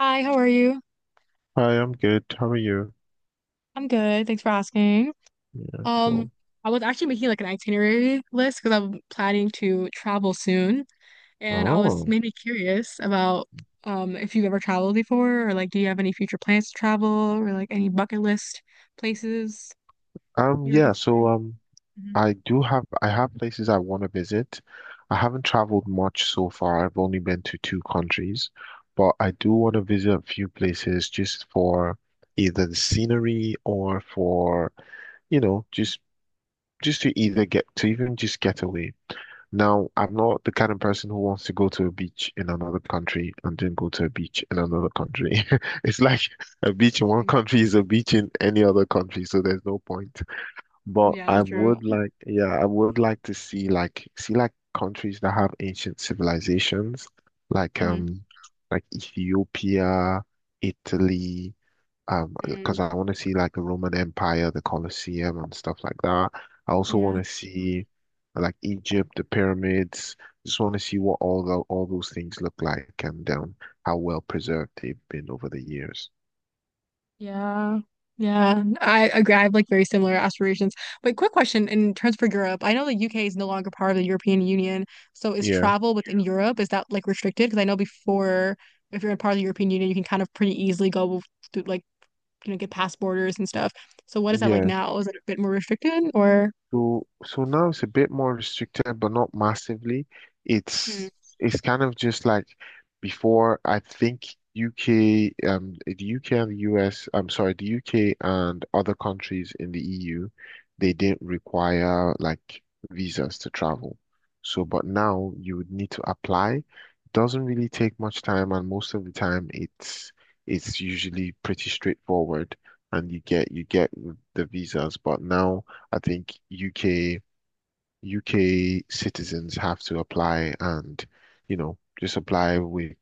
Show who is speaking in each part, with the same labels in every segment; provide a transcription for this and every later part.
Speaker 1: Hi, how are you?
Speaker 2: Hi, I'm good. How are you?
Speaker 1: I'm good. Thanks for asking.
Speaker 2: Yeah,
Speaker 1: Um,
Speaker 2: cool.
Speaker 1: I was actually making like an itinerary list because I'm planning to travel soon, and I was
Speaker 2: Oh,
Speaker 1: maybe curious about if you've ever traveled before, or like do you have any future plans to travel, or like any bucket list places you were
Speaker 2: Yeah, so
Speaker 1: considering?
Speaker 2: um
Speaker 1: hmm
Speaker 2: I have places I want to visit. I haven't traveled much so far. I've only been to two countries, but I do want to visit a few places just for either the scenery or for, you know, just to either get to even just get away. Now, I'm not the kind of person who wants to go to a beach in another country and then go to a beach in another country. It's like a beach in one country is a beach in any other country, so there's no point. But
Speaker 1: Yeah, true.
Speaker 2: yeah, I would like to see countries that have ancient civilizations, like
Speaker 1: Mm-hmm.
Speaker 2: um like Ethiopia, Italy,
Speaker 1: Mm.
Speaker 2: because I want to see like the Roman Empire, the Colosseum and stuff like that. I also want
Speaker 1: Yeah.
Speaker 2: to see like Egypt, the pyramids. Just want to see what all those things look like and how well preserved they've been over the years.
Speaker 1: Yeah. Yeah. I agree. I have like very similar aspirations. But quick question in terms for Europe, I know the UK is no longer part of the European Union. So is
Speaker 2: Yeah,
Speaker 1: travel within Europe, is that like restricted? Because I know before, if you're a part of the European Union, you can kind of pretty easily go through like, get past borders and stuff. So what is that like
Speaker 2: yeah.
Speaker 1: now? Is it a bit more restricted or?
Speaker 2: So now it's a bit more restricted, but not massively.
Speaker 1: Hmm.
Speaker 2: It's it's kind of just like before. I think the UK and the US. I'm sorry, the UK and other countries in the EU, they didn't require like visas to travel. So, but now you would need to apply. It doesn't really take much time, and most of the time, it's usually pretty straightforward, and you get the visas. But now. I think UK citizens have to apply and, you know, just apply with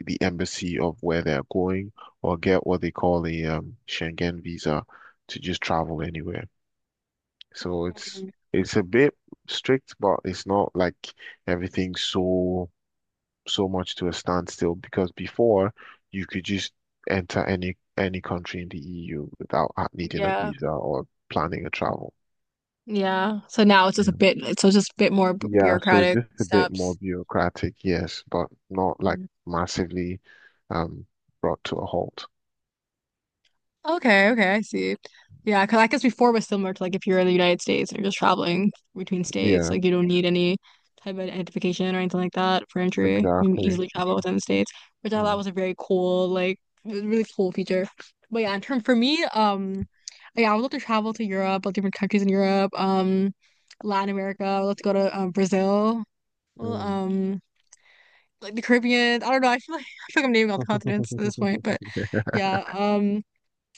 Speaker 2: the embassy of where they're going or get what they call a Schengen visa to just travel anywhere. So it's
Speaker 1: Mhm.
Speaker 2: it's a bit strict, but it's not like everything's so much to a standstill because before you could just enter any country in the EU without needing a
Speaker 1: Yeah.
Speaker 2: visa or planning a travel.
Speaker 1: Yeah. So now it's just a bit more
Speaker 2: Yeah, so it's
Speaker 1: bureaucratic
Speaker 2: just a bit more
Speaker 1: steps.
Speaker 2: bureaucratic, yes, but not like massively um brought to a halt.
Speaker 1: Okay, okay, I see. Yeah, because I guess before it was similar to like if you're in the United States and you're just traveling between states,
Speaker 2: Yeah,
Speaker 1: like you don't need any type of identification or anything like that for entry. You can
Speaker 2: exactly.
Speaker 1: easily
Speaker 2: It's,
Speaker 1: travel within the states, which I thought
Speaker 2: mm,
Speaker 1: was a very cool, like it was a really cool feature. But yeah, in term for me, yeah, I would love to travel to Europe, like different countries in Europe, Latin America. I would love to go to Brazil, well,
Speaker 2: mm.
Speaker 1: like the Caribbean. I don't know. I feel like I feel like I'm naming all the continents at this point, but yeah,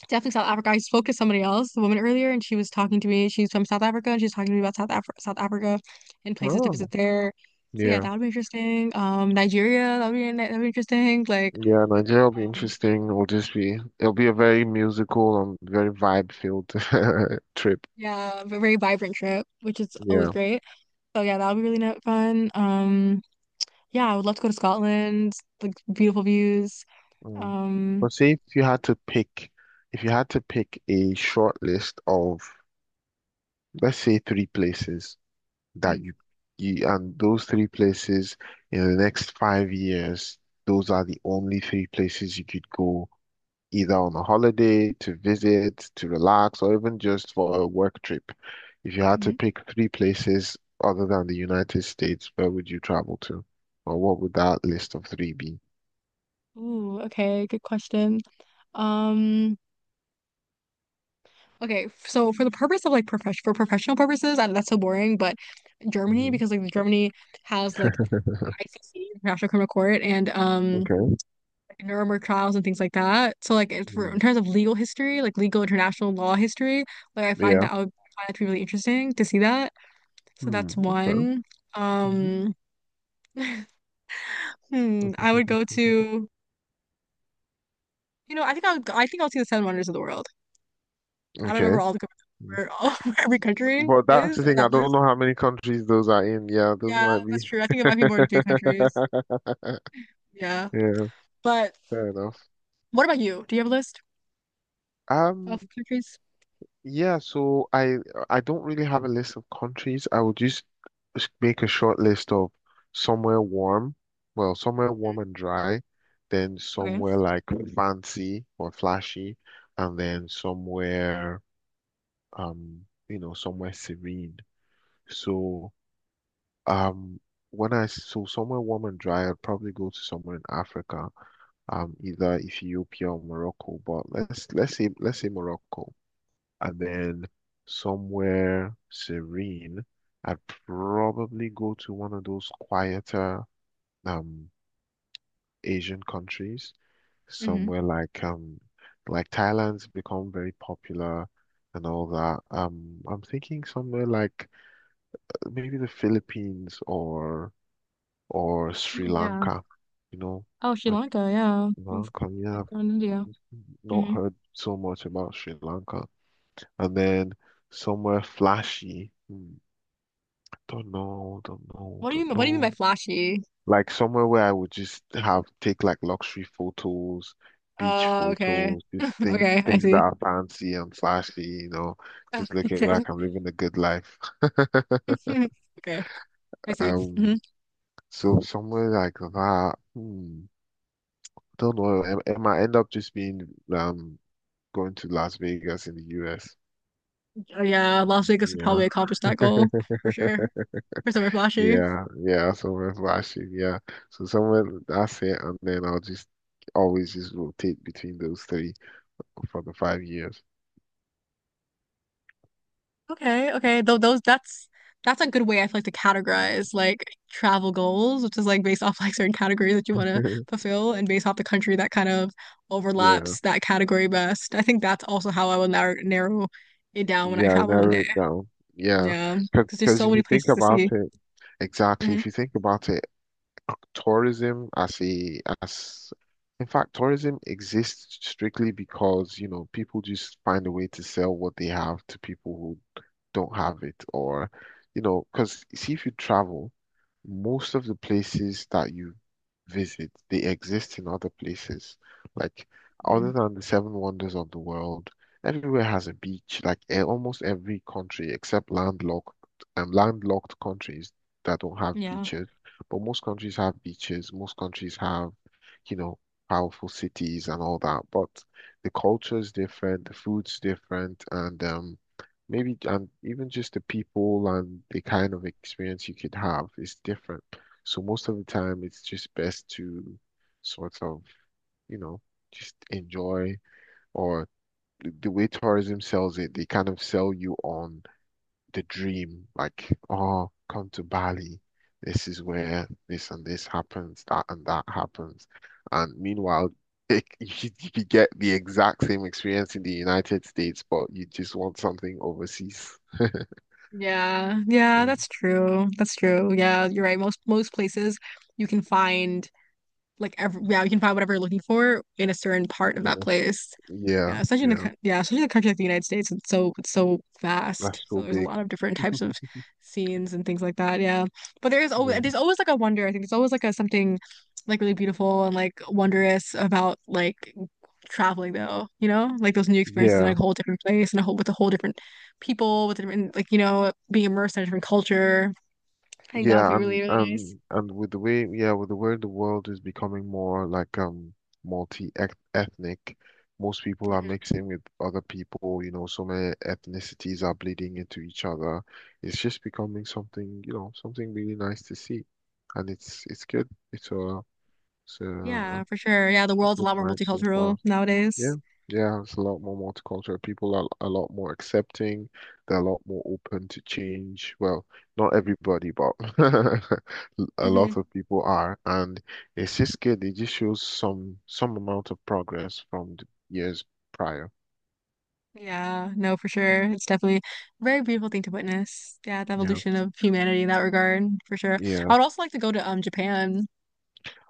Speaker 1: definitely South Africa. I spoke to somebody else, the woman earlier, and she was talking to me. She's from South Africa, and she was talking to me about South Africa and places to
Speaker 2: Oh,
Speaker 1: visit there. So yeah,
Speaker 2: yeah.
Speaker 1: that would be interesting. Nigeria, that would be interesting. Like,
Speaker 2: Yeah, Nigeria will be
Speaker 1: um,
Speaker 2: interesting. It'll just be it'll be a very musical and very vibe-filled trip.
Speaker 1: yeah, a very vibrant trip, which is always
Speaker 2: Yeah.
Speaker 1: great. So yeah, that would be really fun. Yeah, I would love to go to Scotland. Like beautiful views.
Speaker 2: Mm.
Speaker 1: Um,
Speaker 2: But say if you had to pick if you had to pick a short list of let's say three places
Speaker 1: mhm,
Speaker 2: that you, you and those three places in the next 5 years, those are the only three places you could go either on a holiday, to visit, to relax, or even just for a work trip. If you had to
Speaker 1: mhm.
Speaker 2: pick three places other than the United States, where would you travel to? Or what would that list of three be?
Speaker 1: Ooh, okay, good question. Um. Okay, so for the purpose of like profession for professional purposes, and that's so boring, but Germany,
Speaker 2: Hmm.
Speaker 1: because like Germany has like ICC, International Criminal Court, and
Speaker 2: Okay.
Speaker 1: Nuremberg trials and things like that. So like it's for in
Speaker 2: Mhm.
Speaker 1: terms of legal history, like legal international law history, like
Speaker 2: Yeah.
Speaker 1: I would find that to be really interesting to see that. So
Speaker 2: Hmm.
Speaker 1: that's
Speaker 2: Okay.
Speaker 1: one.
Speaker 2: Mhm.
Speaker 1: Um, I would go to I think I think I'll see the Seven Wonders of the World. I don't remember
Speaker 2: Okay.
Speaker 1: all the where every country
Speaker 2: But that's
Speaker 1: is
Speaker 2: the
Speaker 1: on
Speaker 2: thing, I
Speaker 1: that
Speaker 2: don't
Speaker 1: list.
Speaker 2: know how many countries those are in. Yeah, those
Speaker 1: Yeah,
Speaker 2: might
Speaker 1: that's
Speaker 2: be.
Speaker 1: true. I think it might be more than three countries. Yeah.
Speaker 2: Yeah,
Speaker 1: But
Speaker 2: fair enough.
Speaker 1: what about you? Do you have a list
Speaker 2: Um,
Speaker 1: of countries?
Speaker 2: yeah, so I don't really have a list of countries. I would just make a short list of somewhere warm, well, somewhere warm and dry, then
Speaker 1: Okay.
Speaker 2: somewhere like fancy or flashy, and then somewhere you know, somewhere serene. So um when I so somewhere warm and dry, I'd probably go to somewhere in Africa, either Ethiopia or Morocco, but let's say Morocco. And then somewhere serene, I'd probably go to one of those quieter um Asian countries,
Speaker 1: Mm-hmm.
Speaker 2: somewhere like Thailand's become very popular and all that. I'm thinking somewhere like maybe the Philippines or Sri
Speaker 1: Mm, yeah.
Speaker 2: Lanka, you know,
Speaker 1: Oh, Sri
Speaker 2: like
Speaker 1: Lanka, yeah.
Speaker 2: Sri
Speaker 1: Of-
Speaker 2: Lanka. Yeah,
Speaker 1: Like going to India.
Speaker 2: I've not
Speaker 1: Mm-hmm.
Speaker 2: heard so much about Sri Lanka. And then somewhere flashy. Hmm. Don't know, don't know,
Speaker 1: What do you
Speaker 2: don't
Speaker 1: mean, what do you mean
Speaker 2: know.
Speaker 1: by flashy?
Speaker 2: Like somewhere where I would just have take like luxury photos, beach
Speaker 1: Oh, okay.
Speaker 2: photos, just
Speaker 1: Okay, I
Speaker 2: things that
Speaker 1: see.
Speaker 2: are fancy and flashy, you know,
Speaker 1: Ah,
Speaker 2: just looking
Speaker 1: okay.
Speaker 2: like I'm living a good life.
Speaker 1: Okay, I see. Hmm.
Speaker 2: Um, so somewhere like that, hmm, don't know. It might end up just being um going to Las Vegas in the US.
Speaker 1: Yeah, Las Vegas would
Speaker 2: Yeah.
Speaker 1: probably accomplish that goal for sure. For somewhere flashy.
Speaker 2: Yeah, yeah, someone's watching. Yeah. So someone that's it and then I'll just always just rotate between those three for the 5 years.
Speaker 1: Okay, okay. Though those that's a good way, I feel like, to categorize like travel goals, which is like based off like certain categories that you want to fulfill and based off the country that kind of
Speaker 2: Yeah.
Speaker 1: overlaps that category best. I think that's also how I will narrow it down when I
Speaker 2: Yeah, I
Speaker 1: travel one
Speaker 2: narrow
Speaker 1: day.
Speaker 2: it down. Yeah.
Speaker 1: Yeah, because there's
Speaker 2: Because
Speaker 1: so
Speaker 2: if
Speaker 1: many
Speaker 2: you think
Speaker 1: places to
Speaker 2: about
Speaker 1: see.
Speaker 2: it, exactly,
Speaker 1: Hmm.
Speaker 2: if you think about it, tourism as a as in fact, tourism exists strictly because, you know, people just find a way to sell what they have to people who don't have it or, you know, because see if you travel. Most of the places that you visit, they exist in other places. Like, other
Speaker 1: Mm.
Speaker 2: than the seven wonders of the world, everywhere has a beach. Like, almost every country except landlocked countries that don't have
Speaker 1: Yeah.
Speaker 2: beaches. But most countries have beaches. Most countries have, you know, powerful cities and all that. But the culture is different, the food's different, and maybe and even just the people and the kind of experience you could have is different. So most of the time, it's just best to sort of, you know, just enjoy or the way tourism sells it, they kind of sell you on the dream, like, oh, come to Bali. This is where this and this happens, that and that happens. And meanwhile, you get the exact same experience in the United States, but you just want something overseas.
Speaker 1: Yeah. Yeah,
Speaker 2: Mm.
Speaker 1: that's true. That's true. Yeah, you're right. Most places you can find yeah, you can find whatever you're looking for in a certain part of
Speaker 2: And
Speaker 1: that
Speaker 2: that's-
Speaker 1: place.
Speaker 2: Yeah,
Speaker 1: Yeah, especially in the
Speaker 2: yeah,
Speaker 1: yeah, especially in a country like the United States, it's so
Speaker 2: that's
Speaker 1: vast. So
Speaker 2: so
Speaker 1: there's a
Speaker 2: big.
Speaker 1: lot of different types of scenes and things like that. Yeah, but
Speaker 2: Yeah,
Speaker 1: there's always like a wonder. I think there's always like a something like really beautiful and like wondrous about like traveling though. You know, like those new experiences in
Speaker 2: yeah,
Speaker 1: like a whole different place and a whole with a whole different people with a different, like, being immersed in a different culture. I think that would
Speaker 2: yeah,
Speaker 1: be really
Speaker 2: and
Speaker 1: really
Speaker 2: and and with the way, yeah, with the way the world is becoming more like multi-ethnic, most people are
Speaker 1: nice.
Speaker 2: mixing with other people. You know, so many ethnicities are bleeding into each other. It's just becoming something, you know, something really nice to see, and it's good. It's
Speaker 1: Yeah,
Speaker 2: a
Speaker 1: for sure. Yeah, the world's a
Speaker 2: good
Speaker 1: lot more
Speaker 2: vibe so
Speaker 1: multicultural
Speaker 2: far.
Speaker 1: nowadays.
Speaker 2: Yeah, yeah, it's a lot more multicultural. People are a lot more accepting. They're a lot more open to change. Well, not everybody, but a
Speaker 1: Hmm.
Speaker 2: lot of people are, and it's just good. It just shows some amount of progress from the years prior.
Speaker 1: Yeah, no, for sure. It's definitely a very beautiful thing to witness. Yeah, the
Speaker 2: Yeah,
Speaker 1: evolution of humanity in that regard, for sure. I
Speaker 2: yeah.
Speaker 1: would also like to go to Japan,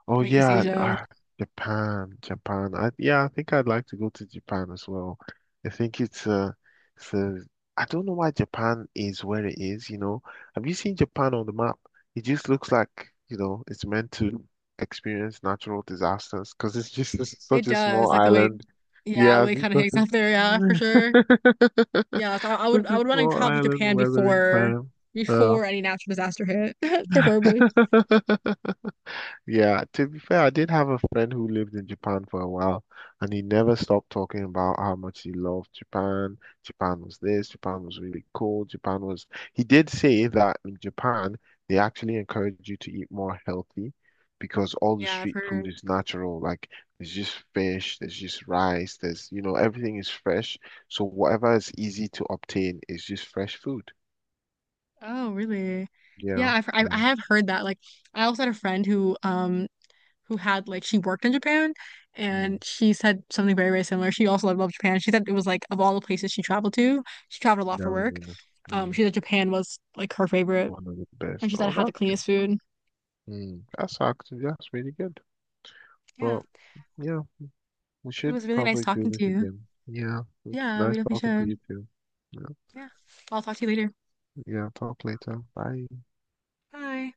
Speaker 2: Oh
Speaker 1: like East
Speaker 2: yeah,
Speaker 1: Asia.
Speaker 2: ah, Japan. Yeah, I think I'd like to go to Japan as well. I think it's I don't know why Japan is where it is, you know. Have you seen Japan on the map? It just looks like, you know, it's meant to experience natural disasters because it's just
Speaker 1: It
Speaker 2: such a
Speaker 1: does,
Speaker 2: small
Speaker 1: like the way,
Speaker 2: island.
Speaker 1: yeah, the
Speaker 2: Yeah,
Speaker 1: way
Speaker 2: it's
Speaker 1: it
Speaker 2: just
Speaker 1: kind of
Speaker 2: such
Speaker 1: hangs
Speaker 2: a,
Speaker 1: out there. Yeah, for sure. Yeah, so I, I would
Speaker 2: such
Speaker 1: I
Speaker 2: a
Speaker 1: would want to
Speaker 2: small
Speaker 1: travel to
Speaker 2: island
Speaker 1: Japan
Speaker 2: weathering time. Oh.
Speaker 1: before any natural disaster hit, preferably.
Speaker 2: Yeah, to be fair, I did have a friend who lived in Japan for a while, and he never stopped talking about how much he loved Japan. Japan was this, Japan was really cool. Japan was, he did say that in Japan, they actually encourage you to eat more healthy because all the
Speaker 1: Yeah, I've
Speaker 2: street food
Speaker 1: heard.
Speaker 2: is natural. Like, there's just fish, there's just rice, there's, you know, everything is fresh. So, whatever is easy to obtain is just fresh food.
Speaker 1: Oh, really?
Speaker 2: Yeah,
Speaker 1: Yeah, I
Speaker 2: yeah.
Speaker 1: have heard that. Like, I also had a friend who had, like, she worked in Japan,
Speaker 2: Mm,
Speaker 1: and she said something very, very similar. She also loved Japan. She said it was like, of all the places she traveled to, she traveled a lot
Speaker 2: that
Speaker 1: for
Speaker 2: was
Speaker 1: work.
Speaker 2: really, mm,
Speaker 1: She said Japan was like her favorite,
Speaker 2: one of the
Speaker 1: and
Speaker 2: best.
Speaker 1: she said it
Speaker 2: Oh,
Speaker 1: had the
Speaker 2: that's good.
Speaker 1: cleanest food.
Speaker 2: Hmm, that's really good.
Speaker 1: Yeah.
Speaker 2: But yeah, we
Speaker 1: It
Speaker 2: should
Speaker 1: was really nice
Speaker 2: probably do
Speaker 1: talking to
Speaker 2: this
Speaker 1: you.
Speaker 2: again. Yeah, it's
Speaker 1: Yeah, we
Speaker 2: nice
Speaker 1: definitely
Speaker 2: talking to
Speaker 1: should.
Speaker 2: you too. Yeah,
Speaker 1: Yeah. I'll talk to you later.
Speaker 2: yeah, talk later. Bye.
Speaker 1: Bye.